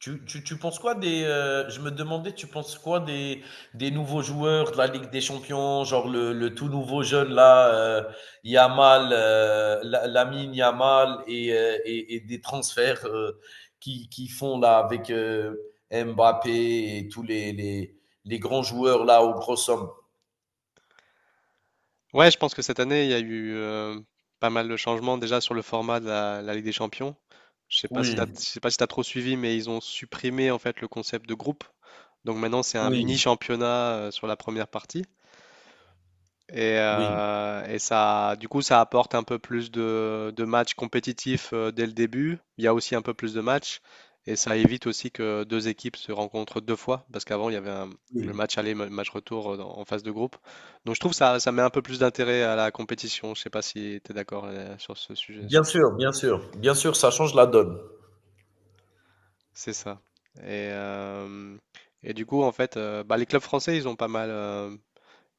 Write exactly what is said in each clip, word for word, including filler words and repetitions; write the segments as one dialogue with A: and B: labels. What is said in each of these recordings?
A: Tu tu tu penses quoi des, heu, je me demandais, tu penses quoi des des nouveaux joueurs de la Ligue des champions, genre le le tout nouveau jeune là, heu, Yamal, heu, La Lamine Yamal et heu et et des transferts, heu, qui qui font là avec, heu, Mbappé et tous les les les grands joueurs là aux grosses sommes?
B: Ouais, je pense que cette année, il y a eu euh, pas mal de changements déjà sur le format de la, la Ligue des Champions. Je sais pas si t'as,
A: Oui,
B: je sais pas si t'as trop suivi, mais ils ont supprimé en fait le concept de groupe. Donc maintenant, c'est un mini
A: oui,
B: championnat euh, sur la première partie. Et,
A: oui,
B: euh, et ça, du coup, ça apporte un peu plus de, de matchs compétitifs euh, dès le début. Il y a aussi un peu plus de matchs. Et ça évite aussi que deux équipes se rencontrent deux fois. Parce qu'avant, il y avait un- le
A: oui.
B: match aller, le match retour euh, dans- en phase de groupe. Donc je trouve ça, ça met un peu plus d'intérêt à la compétition. Je sais pas si tu es d'accord euh, sur ce sujet.
A: Bien
B: sur-
A: sûr, bien sûr, bien sûr, ça change la donne.
B: C'est ça. Et, euh, et du coup, en fait, euh, bah, les clubs français, ils ont pas mal. euh,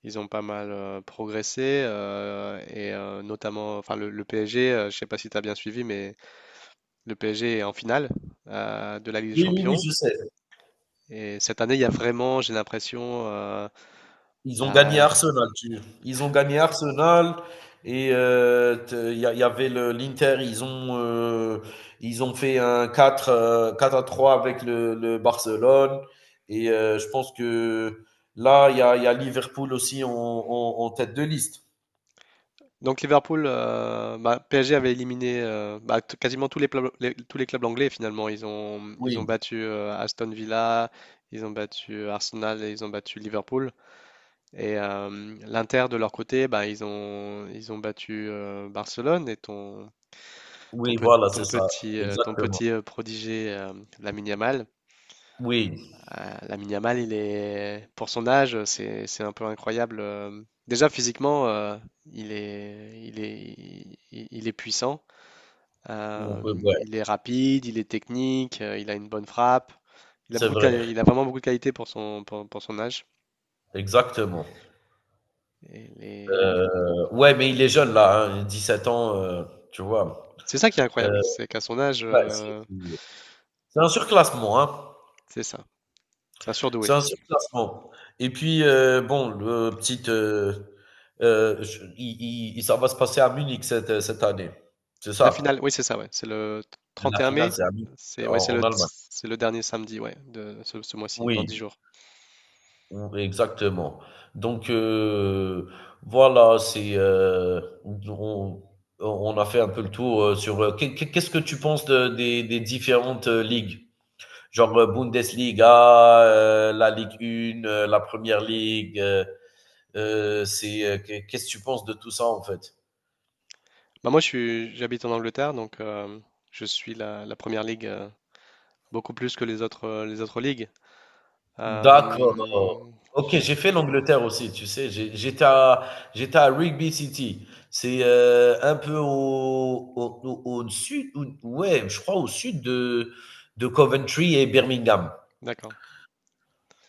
B: Ils ont pas mal euh, progressé euh, et euh, notamment, enfin le, le P S G, euh, je sais pas si tu as bien suivi, mais le P S G est en finale euh, de la Ligue des
A: Oui, oui, oui,
B: Champions.
A: je sais.
B: Et cette année, il y a vraiment, j'ai l'impression, euh,
A: Ils ont gagné
B: la...
A: Arsenal, tu ils ont gagné Arsenal et heu, te il y a il y avait le l'Inter, ils ont, heu, ils ont fait un 4, quatre à trois avec le le Barcelone et heu, je pense que là, il y a il y a Liverpool aussi en en en tête de liste.
B: donc Liverpool, euh, bah, P S G avait éliminé euh, bah, t- quasiment tous les, pla- les- tous les clubs anglais finalement. Ils ont, ils ont
A: Oui,
B: battu euh, Aston Villa, ils ont battu Arsenal et ils ont battu Liverpool. Et euh, l'Inter de leur côté, bah, ils ont, ils ont battu euh, Barcelone et ton Ton,
A: oui,
B: pe-
A: voilà,
B: ton
A: c'est ça,
B: petit, euh, ton
A: exactement.
B: petit euh, prodigé, euh, Lamine Yamal,
A: Oui,
B: euh, Lamine Yamal, il est, pour son âge, euh, c'est, c'est un peu incroyable. euh. Déjà, physiquement, euh, il est, il est, il, il- est puissant.
A: on peut,
B: euh,
A: ouais,
B: il est rapide, il est technique, euh, il a une bonne frappe. Il a
A: c'est
B: beaucoup de quali-
A: vrai,
B: il a vraiment beaucoup de qualité pour son, pour, pour son âge.
A: exactement.
B: Et les-
A: Heu, ouais, mais il est jeune là, hein, sept ans, heu, tu vois?
B: C'est ça qui est
A: Heu,
B: incroyable, c'est qu'à son âge,
A: ouais, c'est
B: euh,
A: C'est un surclassement, hein.
B: c'est ça. C'est un
A: C'est
B: surdoué.
A: un surclassement et puis, heu, bon, le petite, heu heu, je i i ça va se passer à Munich cette, euh, cette année. C'est
B: La finale,
A: ça?
B: oui, c'est ça, ouais. C'est le
A: La
B: trente et un
A: finale,
B: mai.
A: c'est à Munich,
B: C'est
A: en
B: ouais, c'est le,
A: en Allemagne.
B: c'est le dernier samedi, ouais, de ce, ce mois-ci, dans dix
A: Oui,
B: jours.
A: ou exactement. Donc, heu, voilà, c'est, heu, on on a fait un peu le tour, heu, sur, heu, qu'est qu'est qu'est-ce que tu penses de des des différentes, heu, ligues? Genre, heu, Bundesliga, heu, la Ligue un, heu, la première League. heu Euh, c'est euh, que- qu'est-ce que tu penses de tout ça en fait?
B: Bah, moi, je suis, j'habite en Angleterre, donc euh, je suis la, la première ligue euh, beaucoup plus que les autres, euh, les autres ligues. Euh,
A: D'accord. OK,
B: je-
A: j'ai fait l'Angleterre aussi, tu sais. J'ai- j'étais à, j'étais à Rigby City. C'est euh, un peu au, au, au- au sud, ou- ouais, je crois au sud de, de Coventry et Birmingham.
B: d'accord.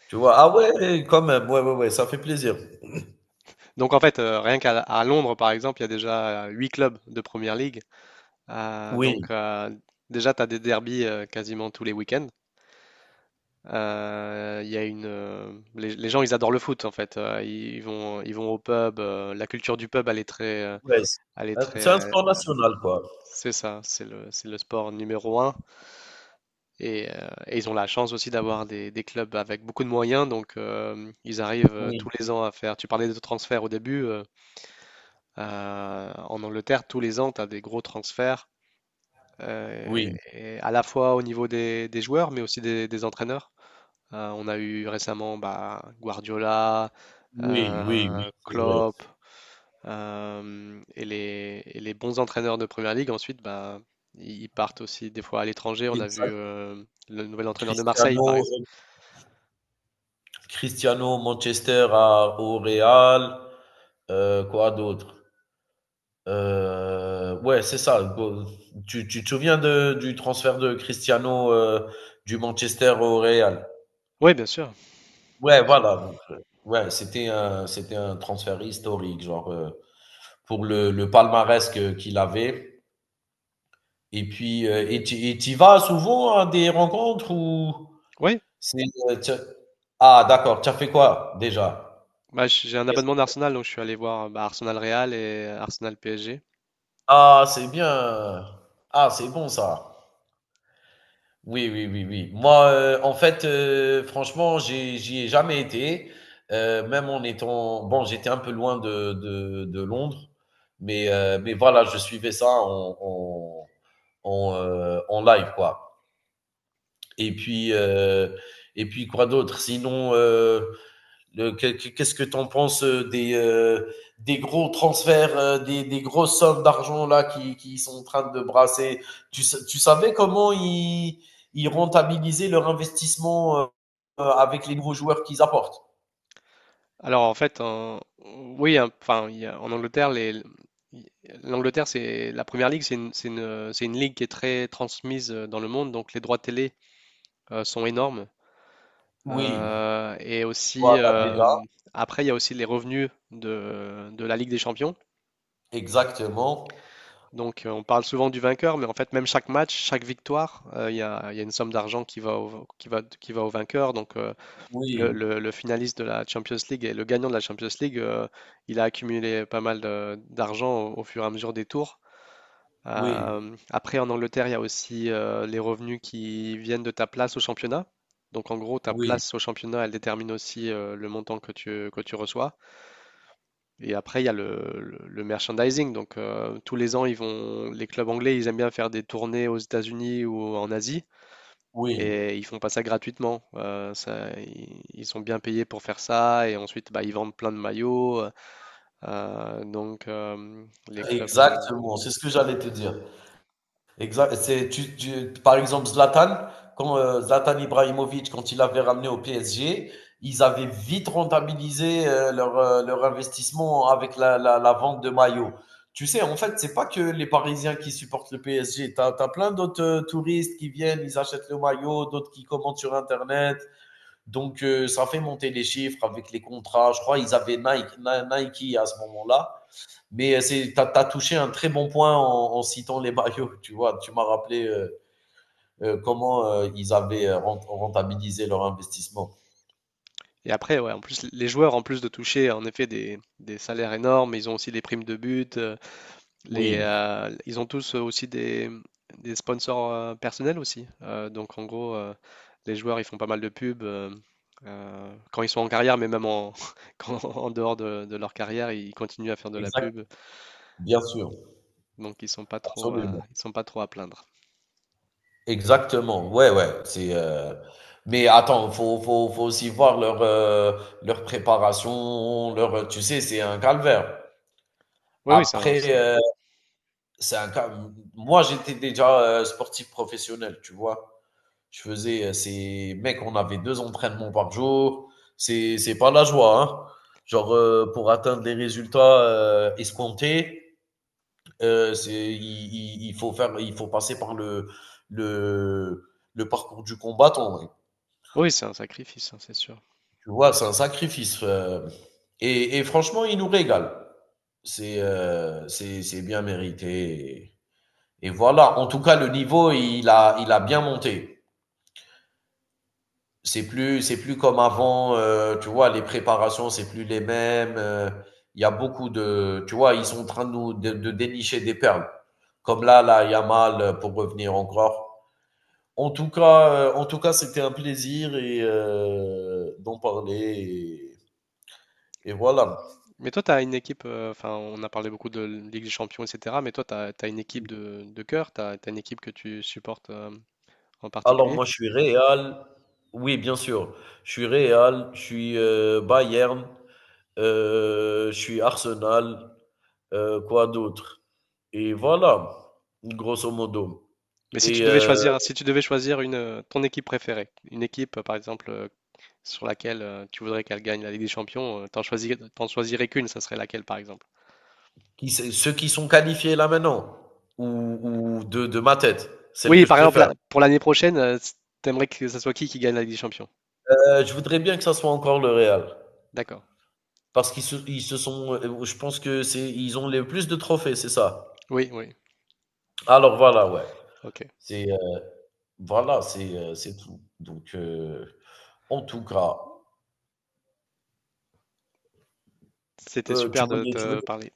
A: Tu vois? Ah ouais, quand même. Ouais, ouais, ouais, ça fait plaisir.
B: Donc, en fait, euh, rien qu'à à Londres, par exemple, il y a déjà euh, huit clubs de première ligue. Euh,
A: Oui,
B: donc, euh, déjà, tu as des derbies euh, quasiment tous les week-ends. Euh, Il y a une, euh, les, les gens, ils adorent le foot en fait. Euh, ils vont, ils vont au pub. euh, La culture du pub, elle est très, euh,
A: ouais, c'est
B: elle est
A: un c'est
B: très,
A: un sport national, quoi.
B: c'est ça, c'est le, c'est le sport numéro un. Et, euh, et ils ont la chance aussi d'avoir des, des clubs avec beaucoup de moyens. Donc euh, ils arrivent euh,
A: Oui,
B: tous les ans à faire. Tu parlais de transferts au début. euh, euh, En Angleterre, tous les ans, tu as des gros transferts, euh,
A: oui,
B: et à la fois au niveau des, des joueurs, mais aussi des des entraîneurs. Euh, on a eu récemment bah, Guardiola,
A: oui, oui, oui,
B: euh,
A: c'est vrai.
B: Klopp, euh, et les, et les bons entraîneurs de Première Ligue, ensuite, bah, ils ils partent aussi des fois à l'étranger. On a vu
A: Exact.
B: euh, le nouvel entraîneur de Marseille,
A: Cristiano
B: par exemple.
A: Cristiano Manchester à, au Real. Euh, quoi d'autre Euh, ouais, c'est ça. Tu, tu te souviens de, du transfert de Cristiano, euh, du Manchester au Real.
B: Oui, bien sûr,
A: Ouais,
B: bien sûr.
A: voilà. Donc, euh, ouais, c'était un, c'était un transfert historique, genre. Euh, pour le, le palmarès que- qu'il avait. Et puis, euh, et tu et t'y vas souvent à des rencontres ou
B: Oui,
A: c'est. Euh, t'as- ah, d'accord. Tu as fait quoi déjà?
B: bah, j- j'ai un abonnement d'Arsenal, donc je suis allé voir bah, Arsenal Real et Arsenal P S G.
A: Ah, c'est bien. Ah, c'est bon ça. Oui, oui, oui, oui. Moi, euh, en fait, euh, franchement, j'ai- j'y ai jamais été. Euh, même en étant... Bon, j'étais un peu loin de, de, de Londres, mais, euh, mais voilà, je suivais ça en, en, en, euh, en live, quoi. Et puis, euh, et puis quoi d'autre? Sinon, euh, qu'est-ce que tu en penses, euh, des, euh, des gros transferts, euh, des, des grosses sommes d'argent là qui, qui sont en train de brasser. tu, tu savais comment ils, ils rentabilisaient leur investissement, euh, euh, avec les nouveaux joueurs qu'ils apportent?
B: Alors en fait, en- oui, hein, enfin, il y a- en Angleterre, les, l'Angleterre, c'est la Première Ligue, c'est une, c'est une- c'est une ligue qui est très transmise euh, dans le monde, donc les droits télé euh, sont énormes.
A: Oui,
B: Euh, et aussi,
A: voilà
B: euh,
A: déjà,
B: Après, il y a aussi les revenus de, de la Ligue des Champions.
A: exactement.
B: Donc euh, on parle souvent du vainqueur, mais en fait, même chaque match, chaque victoire, euh, il y a, il y a une somme d'argent qui va au, qui va, qui va au vainqueur. Donc euh, Le,
A: Oui,
B: le- le finaliste de la Champions League et le gagnant de la Champions League, euh, il a accumulé pas mal de- d'argent au, au fur et à mesure des tours.
A: oui,
B: Euh, après, en Angleterre, il y a aussi euh, les revenus qui viennent de ta place au championnat. Donc, en gros, ta
A: oui,
B: place au championnat, elle détermine aussi euh, le montant que tu, que tu reçois. Et après, il y a le, le- le merchandising. Donc, euh, tous les ans, ils vont, les clubs anglais, ils aiment bien faire des tournées aux États-Unis ou en Asie.
A: oui,
B: Et ils font pas ça gratuitement. Euh, ça, i- ils, sont bien payés pour faire ça. Et ensuite, bah, ils vendent plein de maillots. Euh, donc, euh, les clubs. Euh,
A: exactement. C'est ce que j'allais te dire. Exact. C'est, tu, tu- par exemple, Zlatan, quand euh, Zlatan Ibrahimovic, quand il avait ramené au P S G, ils avaient vite rentabilisé, euh, leur, euh, leur investissement avec la, la, la vente de maillots. Tu sais, en fait, c'est pas que les Parisiens qui supportent le P S G. T'as, t'as plein d'autres, euh, touristes qui viennent, ils achètent le maillot, d'autres qui commandent sur Internet. Donc, euh, ça fait monter les chiffres avec les contrats. Je crois ils avaient Nike, Ni- Nike à ce moment-là. Mais tu as touché un très bon point en, en citant les maillots. Tu vois, tu m'as rappelé, euh, euh, comment euh, ils avaient, euh, rent- rentabilisé leur investissement.
B: Et après, ouais, en plus, les joueurs, en plus de toucher en effet des, des salaires énormes, ils ont aussi des primes de but. euh, les,
A: Oui,
B: euh, Ils ont tous euh, aussi des, des sponsors euh, personnels aussi. Euh, donc, en gros, euh, les joueurs, ils font pas mal de pubs. euh, euh, quand ils sont en carrière, mais même en, quand- en dehors de, de leur carrière, ils continuent à faire de la
A: exact,
B: pub.
A: bien sûr,
B: Donc ils sont pas trop à,
A: absolument.
B: ils sont pas trop à plaindre.
A: Exactement, ouais, ouais. C'est, euh, mais attends, faut, faut, faut aussi voir leur, euh, leur préparation, leur, tu sais, c'est un calvaire.
B: Oui, oui, c'est un,
A: Après,
B: c'est un-
A: euh, c'est un cal- moi, j'étais déjà euh, sportif professionnel, tu vois. Je faisais, euh, c'est, mec, on avait deux entraînements par jour. C'est, c'est pas la joie, hein. Genre, euh, pour atteindre les résultats euh, escomptés, euh, c'est, il, il- il faut faire, il faut passer par le, le, le parcours du combattant, mec.
B: oui, c'est un sacrifice, hein, c'est sûr.
A: Tu vois, c'est un sacrifice. euh. et, et franchement, il nous régale. C'est, euh, c'est, c'est bien mérité. Et voilà. En tout cas, le niveau, il a, il a bien monté. C'est plus, c'est plus comme avant, euh, tu vois, les préparations, c'est plus les mêmes. euh, Il y a beaucoup de, tu vois, ils sont en train de nous de, de dénicher des perles. Comme là, là, Yamal, euh, pour revenir encore. En tout cas, euh, en tout cas, c'était un plaisir et euh, d'en parler. Et, et voilà.
B: Mais toi, tu as une équipe, euh, enfin, on a parlé beaucoup de Ligue des Champions, et cetera. Mais toi, tu as, une équipe de, de cœur, tu as, une équipe que tu supportes euh, en
A: Alors
B: particulier?
A: moi, je suis Real. Oui, bien sûr. Je suis Real. Je suis euh, Bayern. Heu, je suis Arsenal, heu, quoi d'autre? Et voilà, grosso modo.
B: Mais si tu
A: Et
B: devais
A: heu,
B: choisir, si tu devais choisir une, euh, ton équipe préférée, une équipe, euh, par exemple, euh, sur laquelle euh, tu voudrais qu'elle gagne la Ligue des Champions, euh, t'en choisis, t'en choisirais qu'une, ça serait laquelle par exemple?
A: qui c'est ceux qui sont qualifiés là maintenant ou ou de de ma tête, celle
B: Oui,
A: que je
B: par exemple,
A: préfère?
B: la- pour l'année prochaine, euh, t'aimerais que ce soit qui qui gagne la Ligue des Champions?
A: Heu, je voudrais bien que ça soit encore le Real
B: D'accord.
A: parce qu'ils se ils se sont, heu, je pense que c'est ils ont les plus de trophées, c'est ça?
B: Oui, oui.
A: Alors voilà, ouais.
B: Ok.
A: C'est, heu, voilà, c'est, heu, c'est tout. Donc, heu, en tout cas,
B: C'était
A: heu, tu
B: super de
A: voulais tu
B: te
A: voulais
B: parler.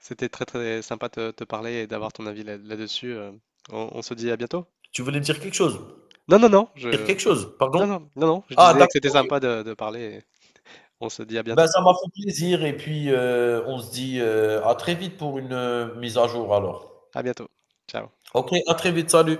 B: C'était très très sympa de te parler et d'avoir ton avis là- là-dessus. euh. On, on se dit à bientôt?
A: tu voulais me dire quelque chose?
B: Non, non, non, je...
A: Dire quelque chose? Pardon?
B: Non, non, non, non, je
A: Ah
B: disais que
A: d'accord,
B: c'était
A: OK.
B: sympa de, de parler. Et on se dit à
A: Ben,
B: bientôt.
A: ça m'a fait plaisir et puis, heu, on se dit, heu, à très vite pour une, heu, mise à jour alors.
B: À bientôt. Ciao.
A: OK, à très vite, salut.